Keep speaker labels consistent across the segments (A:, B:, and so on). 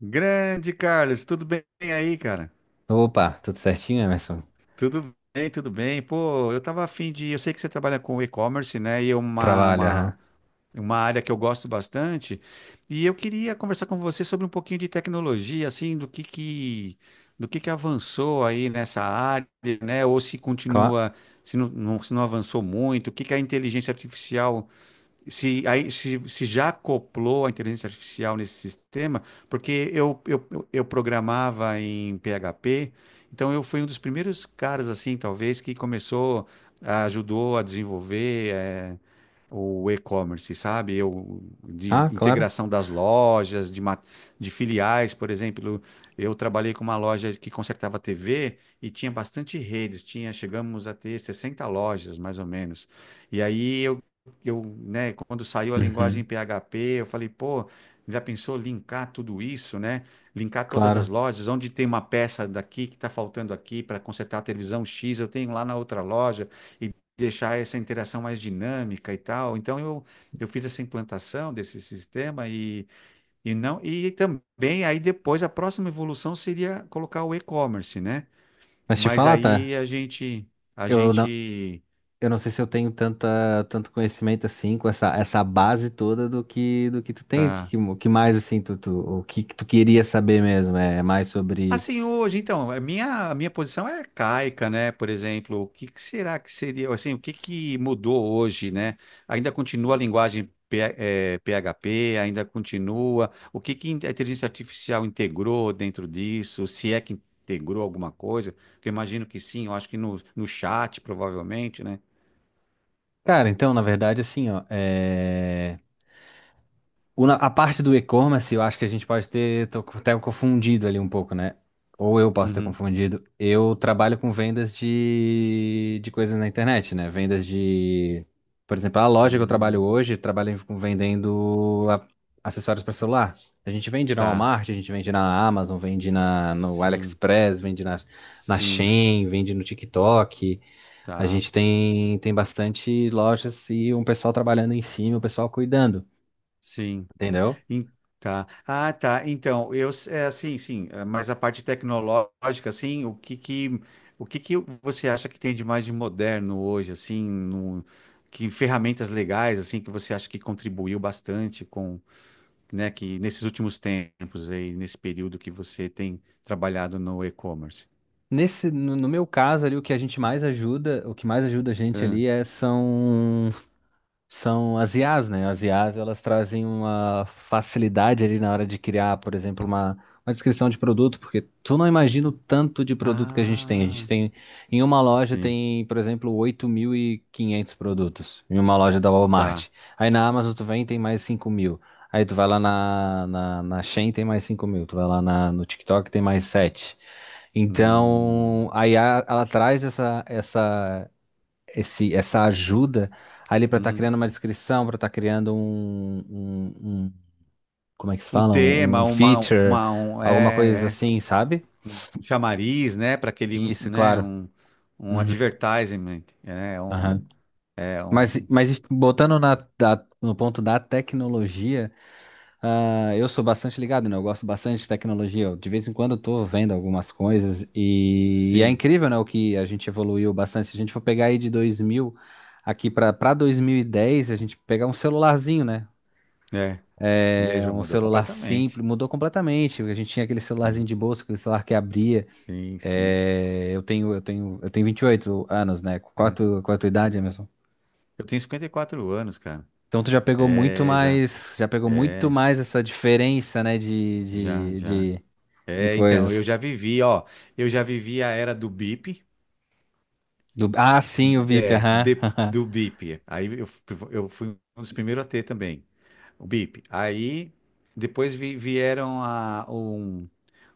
A: Grande Carlos, tudo bem aí, cara?
B: Opa, tudo certinho, Emerson?
A: Tudo bem, tudo bem. Pô, eu tava afim de. Eu sei que você trabalha com e-commerce, né? E é uma,
B: Trabalho,
A: uma,
B: aham.
A: uma área que eu gosto bastante. E eu queria conversar com você sobre um pouquinho de tecnologia, assim, do que que avançou aí nessa área, né? Ou se
B: Cla-
A: continua, se não avançou muito, o que que é a inteligência artificial se, aí, se já acoplou a inteligência artificial nesse sistema, porque eu programava em PHP, então eu fui um dos primeiros caras, assim, talvez, que começou, ajudou a desenvolver, o e-commerce, sabe? Eu, de
B: ah, claro.
A: integração das lojas, de filiais, por exemplo. Eu trabalhei com uma loja que consertava TV e tinha bastante redes, tinha, chegamos a ter 60 lojas, mais ou menos. E aí eu, né, quando saiu a
B: Uhum,
A: linguagem PHP, eu falei, pô, já pensou linkar tudo isso, né? Linkar todas as
B: claro.
A: lojas, onde tem uma peça daqui que está faltando aqui para consertar a televisão X, eu tenho lá na outra loja, e deixar essa interação mais dinâmica e tal. Então eu fiz essa implantação desse sistema, e não e também aí depois a próxima evolução seria colocar o e-commerce, né?
B: Mas te
A: Mas
B: falar, tá?
A: aí a gente a
B: Eu não,
A: gente
B: eu não sei se eu tenho tanto conhecimento assim, com essa base toda do do que tu tem, o que,
A: tá.
B: que o que mais, assim, o que tu queria saber mesmo, é mais sobre.
A: Assim, hoje, então, a minha posição é arcaica, né? Por exemplo, o que que será que seria, assim, o que que mudou hoje, né? Ainda continua a linguagem PHP, ainda continua. O que que a inteligência artificial integrou dentro disso? Se é que integrou alguma coisa, que eu imagino que sim, eu acho que no chat, provavelmente, né?
B: Cara, então, na verdade, assim, ó, é. A parte do e-commerce, eu acho que a gente pode ter até confundido ali um pouco, né? Ou eu posso ter
A: Uhum.
B: confundido. Eu trabalho com vendas de coisas na internet, né? Vendas de. Por exemplo, a loja que eu trabalho
A: Hum,
B: hoje, trabalho com acessórios para celular. A gente vende na
A: tá,
B: Walmart, a gente vende na Amazon, vende no
A: sim,
B: AliExpress, vende na, na
A: sim,
B: Shein, vende no TikTok. A
A: tá,
B: gente tem bastante lojas e um pessoal trabalhando em cima, o pessoal cuidando,
A: sim.
B: entendeu?
A: Em- Tá. Ah, tá. Então, é assim, sim, é, mas a parte tecnológica, assim, o que que você acha que tem de mais de moderno hoje, assim, no, que ferramentas legais, assim, que você acha que contribuiu bastante com, né, que nesses últimos tempos aí, nesse período que você tem trabalhado no e-commerce?
B: Nesse, no meu caso ali, o que a gente mais ajuda, o que mais ajuda a gente
A: Hã?
B: ali são as IAs, né? As IAs, elas trazem uma facilidade ali na hora de criar, por exemplo, uma descrição de produto, porque tu não imagina o tanto de produto que a gente tem. A gente
A: Ah,
B: tem, em uma loja
A: sim,
B: tem, por exemplo, 8.500 produtos, em uma loja da
A: tá.
B: Walmart. Aí na Amazon tu vem e tem mais 5.000. Aí tu vai lá na Shein tem mais 5.000, tu vai lá no TikTok tem mais sete. Então,
A: Hum,
B: a IA, ela traz essa ajuda ali para estar
A: uhum.
B: criando uma descrição, para estar criando um. um- Como é que se
A: Um
B: fala?
A: tema,
B: Um feature,
A: um,
B: alguma coisa
A: é, é.
B: assim, sabe?
A: Um chamariz, né, para aquele, um,
B: Isso,
A: né,
B: claro.
A: um
B: Uhum,
A: advertisement, né, um,
B: aham.
A: é um,
B: Mas botando no ponto da tecnologia. Ah, eu sou bastante ligado, né? Eu gosto bastante de tecnologia. Eu, de vez em quando eu tô vendo algumas coisas e é
A: sim,
B: incrível, né? O que a gente evoluiu bastante. Se a gente for pegar aí de 2000 aqui para 2010, a gente pegar um celularzinho, né?
A: é,
B: É
A: já
B: um
A: mudou
B: celular
A: completamente,
B: simples, mudou completamente. A gente tinha aquele celularzinho
A: é,
B: de bolsa, aquele celular que abria.
A: sim, sim.
B: É, eu tenho 28 anos, né? Qual a tua idade, Emerson?
A: Eu tenho 54 anos, cara,
B: Então tu já pegou muito
A: é, já,
B: mais, já pegou muito
A: é,
B: mais essa diferença, né,
A: já, já,
B: de
A: é, então, eu
B: coisas.
A: já vivi, ó, eu já vivi a era do bip,
B: Ah, sim, o VIP, aham, aham.
A: do bip, aí eu, eu fui um dos primeiros a ter também, o bip, aí... Depois vieram a, um,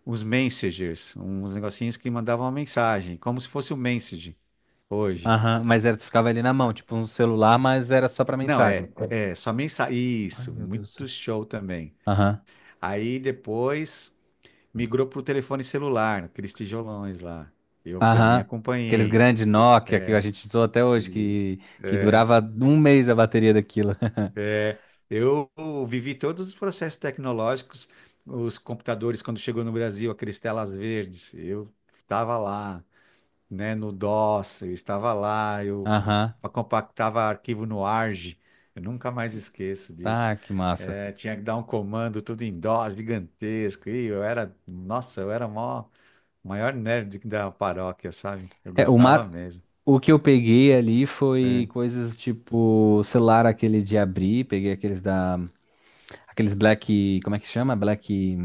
A: os messengers, uns negocinhos que mandavam uma mensagem, como se fosse o message hoje.
B: Aham. Mas era, tu ficava ali na mão,
A: Ah,
B: tipo um celular, mas era só pra
A: não,
B: mensagem.
A: é, é só mensagem.
B: Ai,
A: Isso,
B: meu Deus do
A: muito
B: céu.
A: show também.
B: Aham,
A: Aí depois migrou para o telefone celular, aqueles tijolões lá. Eu também
B: aham. Aqueles
A: acompanhei.
B: grandes Nokia que a gente usou até hoje,
A: E-
B: que durava 1 mês a bateria daquilo.
A: é, eu vivi todos os processos tecnológicos, os computadores, quando chegou no Brasil, aqueles telas verdes, eu estava lá. Né, no DOS, eu estava lá, eu
B: Aham.
A: compactava arquivo no ARG, eu nunca mais esqueço disso.
B: Tá, que massa.
A: É, tinha que dar um comando tudo em DOS, gigantesco, e eu era, nossa, eu era o maior, maior nerd da paróquia, sabe? Eu
B: É, o,
A: gostava mesmo.
B: o que eu peguei ali
A: É,
B: foi coisas tipo celular aquele de abrir, peguei aqueles da. Aqueles Black. Como é que chama? Black.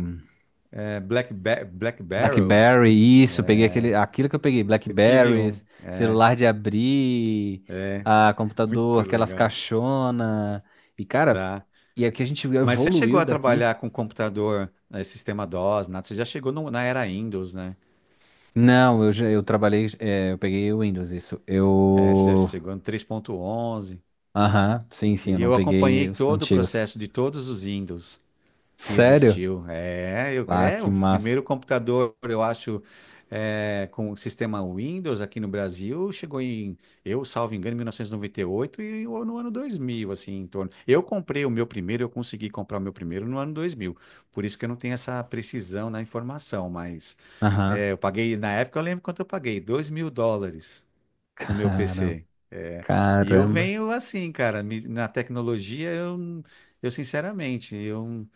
A: é, Black Barrel,
B: BlackBerry, isso, eu peguei
A: é,
B: aquele, aquilo que eu peguei,
A: eu tive
B: BlackBerry,
A: um, é,
B: celular de abrir,
A: é,
B: ah,
A: muito
B: computador, aquelas
A: legal,
B: caixona. E cara,
A: tá?
B: e é que a gente
A: Mas você chegou
B: evoluiu
A: a
B: daqui.
A: trabalhar com computador, sistema DOS, nada, você já chegou na era Windows, né?
B: Não, eu trabalhei, é, eu peguei o Windows, isso.
A: É, você já
B: Eu,
A: chegou no 3.11.
B: aham, sim, sim, eu
A: E
B: não
A: eu acompanhei
B: peguei os
A: todo o
B: antigos.
A: processo de todos os Windows que
B: Sério?
A: existiu. É, eu-
B: Ah,
A: é
B: que
A: o
B: massa.
A: primeiro computador, eu acho, é, com o sistema Windows aqui no Brasil, chegou em, eu salvo engano, em 1998 e 98 e ou no ano 2000, assim, em torno. Eu comprei o meu primeiro, eu consegui comprar o meu primeiro no ano 2000. Por isso que eu não tenho essa precisão na informação, mas
B: Aham.
A: é, eu paguei, na época eu lembro quanto eu paguei, 2 mil dólares. Mil dólares no meu
B: Caramba,
A: PC. É, e eu
B: caramba.
A: venho assim, cara, na tecnologia eu sinceramente, eu,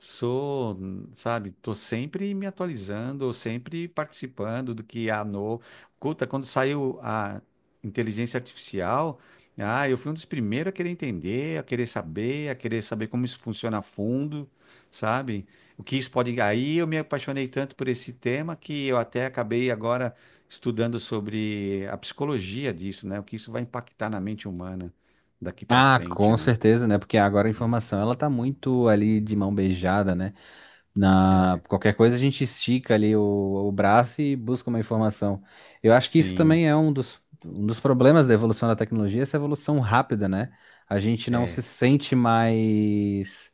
A: sou, sabe, tô sempre me atualizando, sempre participando do que há novo. Escuta, quando saiu a inteligência artificial, ah, eu fui um dos primeiros a querer entender, a querer saber como isso funciona a fundo, sabe? O que isso pode. Aí eu me apaixonei tanto por esse tema que eu até acabei agora estudando sobre a psicologia disso, né? O que isso vai impactar na mente humana daqui para
B: Ah,
A: frente,
B: com
A: né?
B: certeza, né? Porque agora a informação ela tá muito ali de mão beijada, né? Na
A: É,
B: qualquer coisa a gente estica ali o braço e busca uma informação. Eu acho que isso
A: sim,
B: também é um dos problemas da evolução da tecnologia, essa evolução rápida, né? A gente não se
A: é,
B: sente mais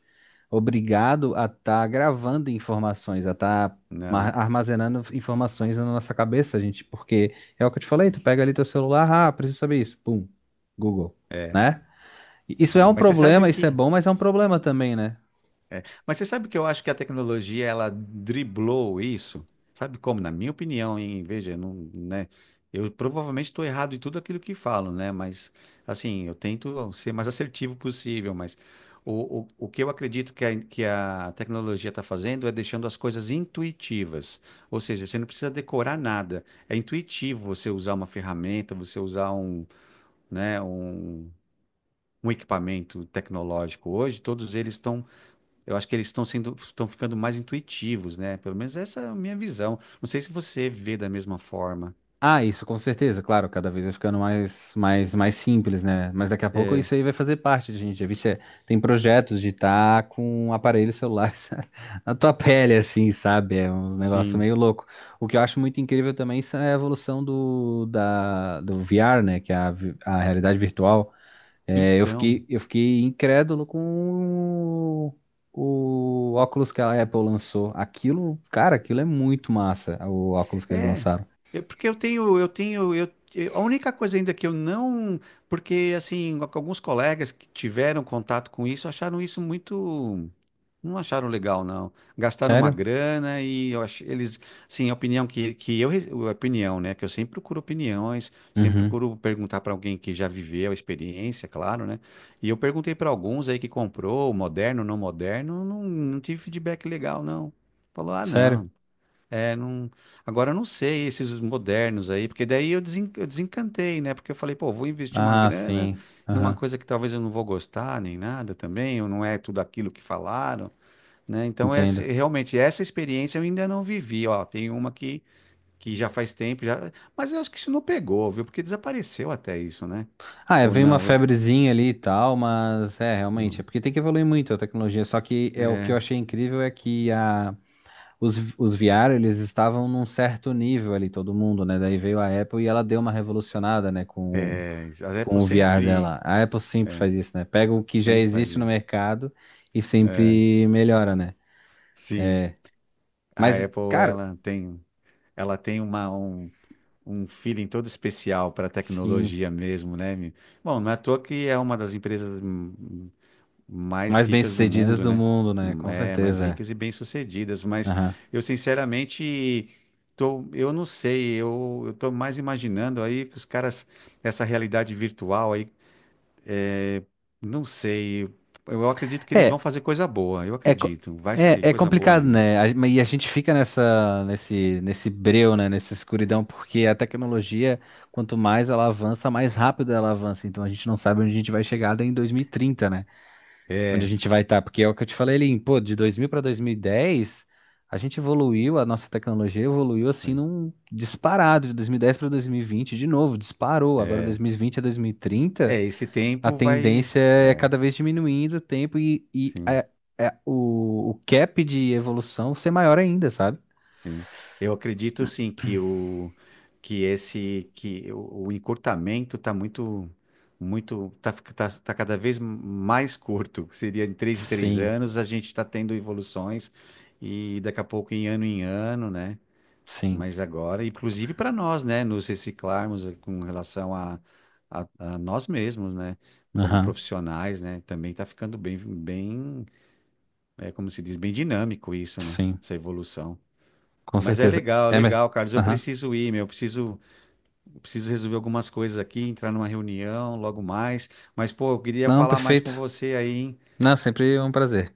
B: obrigado a estar gravando informações, a estar
A: não.
B: armazenando informações na nossa cabeça, gente, porque é o que eu te falei, tu pega ali teu celular, ah, preciso saber isso, pum, Google,
A: É,
B: né? Isso é
A: sim.
B: um
A: Mas você sabe o
B: problema, isso é
A: que?
B: bom, mas é um problema também, né?
A: É, mas você sabe que eu acho que a tecnologia ela driblou isso? Sabe como? Na minha opinião, hein? Veja, eu não, né? Eu provavelmente estou errado em tudo aquilo que falo, né? Mas assim, eu tento ser mais assertivo possível. Mas o que eu acredito que a tecnologia está fazendo é deixando as coisas intuitivas. Ou seja, você não precisa decorar nada. É intuitivo você usar uma ferramenta, você usar um, né? Um um equipamento tecnológico hoje, todos eles estão, eu acho que eles estão sendo, estão ficando mais intuitivos, né? Pelo menos essa é a minha visão. Não sei se você vê da mesma forma.
B: Ah, isso com certeza, claro, cada vez vai ficando mais simples, né? Mas daqui a pouco
A: É,
B: isso aí vai fazer parte de gente. Já vi se é- Tem projetos de estar com aparelhos celulares na tua pele, assim, sabe? É uns negócios
A: sim.
B: meio louco. O que eu acho muito incrível também isso é a evolução do VR, né? Que é a realidade virtual. É,
A: Então,
B: eu fiquei incrédulo com o óculos que a Apple lançou. Aquilo, cara, aquilo é muito massa, o óculos que eles
A: é,
B: lançaram.
A: é porque eu tenho, eu tenho, eu- a única coisa ainda que eu não, porque assim, alguns colegas que tiveram contato com isso acharam isso muito. Não acharam legal, não. Gastaram uma
B: Sério?
A: grana e eu ach... eles, sim, a opinião a opinião, né, que eu sempre procuro opiniões, sempre
B: Uhum.
A: procuro perguntar para alguém que já viveu a experiência, claro, né? E eu perguntei para alguns aí que comprou, moderno, não, não tive feedback legal, não. Falou, ah,
B: Sério?
A: não. É, não. Agora eu não sei esses os modernos aí, porque daí eu desencantei, né? Porque eu falei, pô, vou investir uma
B: Ah,
A: grana
B: sim.
A: numa
B: Aham.
A: coisa que talvez eu não vou gostar nem nada também, ou não é tudo aquilo que falaram, né? Então, esse-
B: Entendo.
A: realmente, essa experiência eu ainda não vivi. Ó, tem uma que já faz tempo, já... mas eu acho que isso não pegou, viu? Porque desapareceu até isso, né?
B: Ah, é,
A: Ou
B: veio uma
A: não? Eu...
B: febrezinha ali e tal, mas é, realmente,
A: não.
B: é porque tem que evoluir muito a tecnologia. Só que é o que eu
A: É,
B: achei incrível é que a, os VR, eles estavam num certo nível ali, todo mundo, né? Daí veio a Apple e ela deu uma revolucionada, né,
A: é, a
B: com
A: Apple
B: o VR
A: sempre,
B: dela. A Apple sempre
A: é,
B: faz isso, né? Pega o que já
A: sempre faz
B: existe no
A: isso.
B: mercado e
A: É,
B: sempre melhora, né?
A: sim, a
B: Mas,
A: Apple
B: cara,
A: ela tem, ela tem um feeling todo especial para
B: sim,
A: tecnologia mesmo, né, meu? Bom, não é à toa que é uma das empresas mais
B: mais
A: ricas do
B: bem-sucedidas
A: mundo,
B: do
A: né?
B: mundo, né? Com
A: É, mais
B: certeza,
A: ricas e bem-sucedidas,
B: é.
A: mas
B: Aham.
A: eu sinceramente tô, eu não sei, eu tô mais imaginando aí que os caras, essa realidade virtual aí, não sei, eu acredito que eles vão
B: É,
A: fazer coisa boa, eu
B: É, co-
A: acredito, vai sair
B: é, é
A: coisa boa
B: complicado,
A: ainda.
B: né? E a gente fica nessa, nesse breu, né? Nessa escuridão, porque a tecnologia, quanto mais ela avança, mais rápido ela avança. Então a gente não sabe onde a gente vai chegar daí em 2030, né? Onde a
A: É,
B: gente vai estar. Porque é o que eu te falei ali, pô, de 2000 para 2010 a gente evoluiu, a nossa tecnologia evoluiu assim num disparado, de 2010 para 2020 de novo, disparou. Agora dois
A: é,
B: mil e vinte a 2030
A: é, esse
B: a
A: tempo vai,
B: tendência é
A: é,
B: cada vez diminuindo o tempo e
A: sim.
B: a. O, o cap de evolução ser maior ainda, sabe?
A: Sim, eu acredito sim que o que esse que o encurtamento está muito muito tá, cada vez mais curto, que seria em três
B: Sim,
A: anos a gente está tendo evoluções e daqui a pouco em ano, né?
B: sim.
A: Mas agora, inclusive para nós, né, nos reciclarmos, com relação a, a nós mesmos, né, como
B: Aham,
A: profissionais, né, também está ficando bem bem, é, como se diz, bem dinâmico isso, né?
B: sim.
A: Essa evolução.
B: Com
A: Mas é
B: certeza.
A: legal,
B: Emerson.
A: legal, Carlos. Eu
B: Aham.
A: preciso ir, meu. Eu preciso resolver algumas coisas aqui, entrar numa reunião logo mais. Mas, pô, eu queria
B: Não,
A: falar mais com
B: perfeito.
A: você aí, hein?
B: Não, sempre um prazer.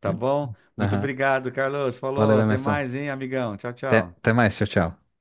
A: Tá bom? Muito
B: Aham.
A: obrigado, Carlos. Falou.
B: Valeu,
A: Até
B: Emerson.
A: mais, hein, amigão. Tchau,
B: Até,
A: tchau.
B: até mais. Tchau, tchau.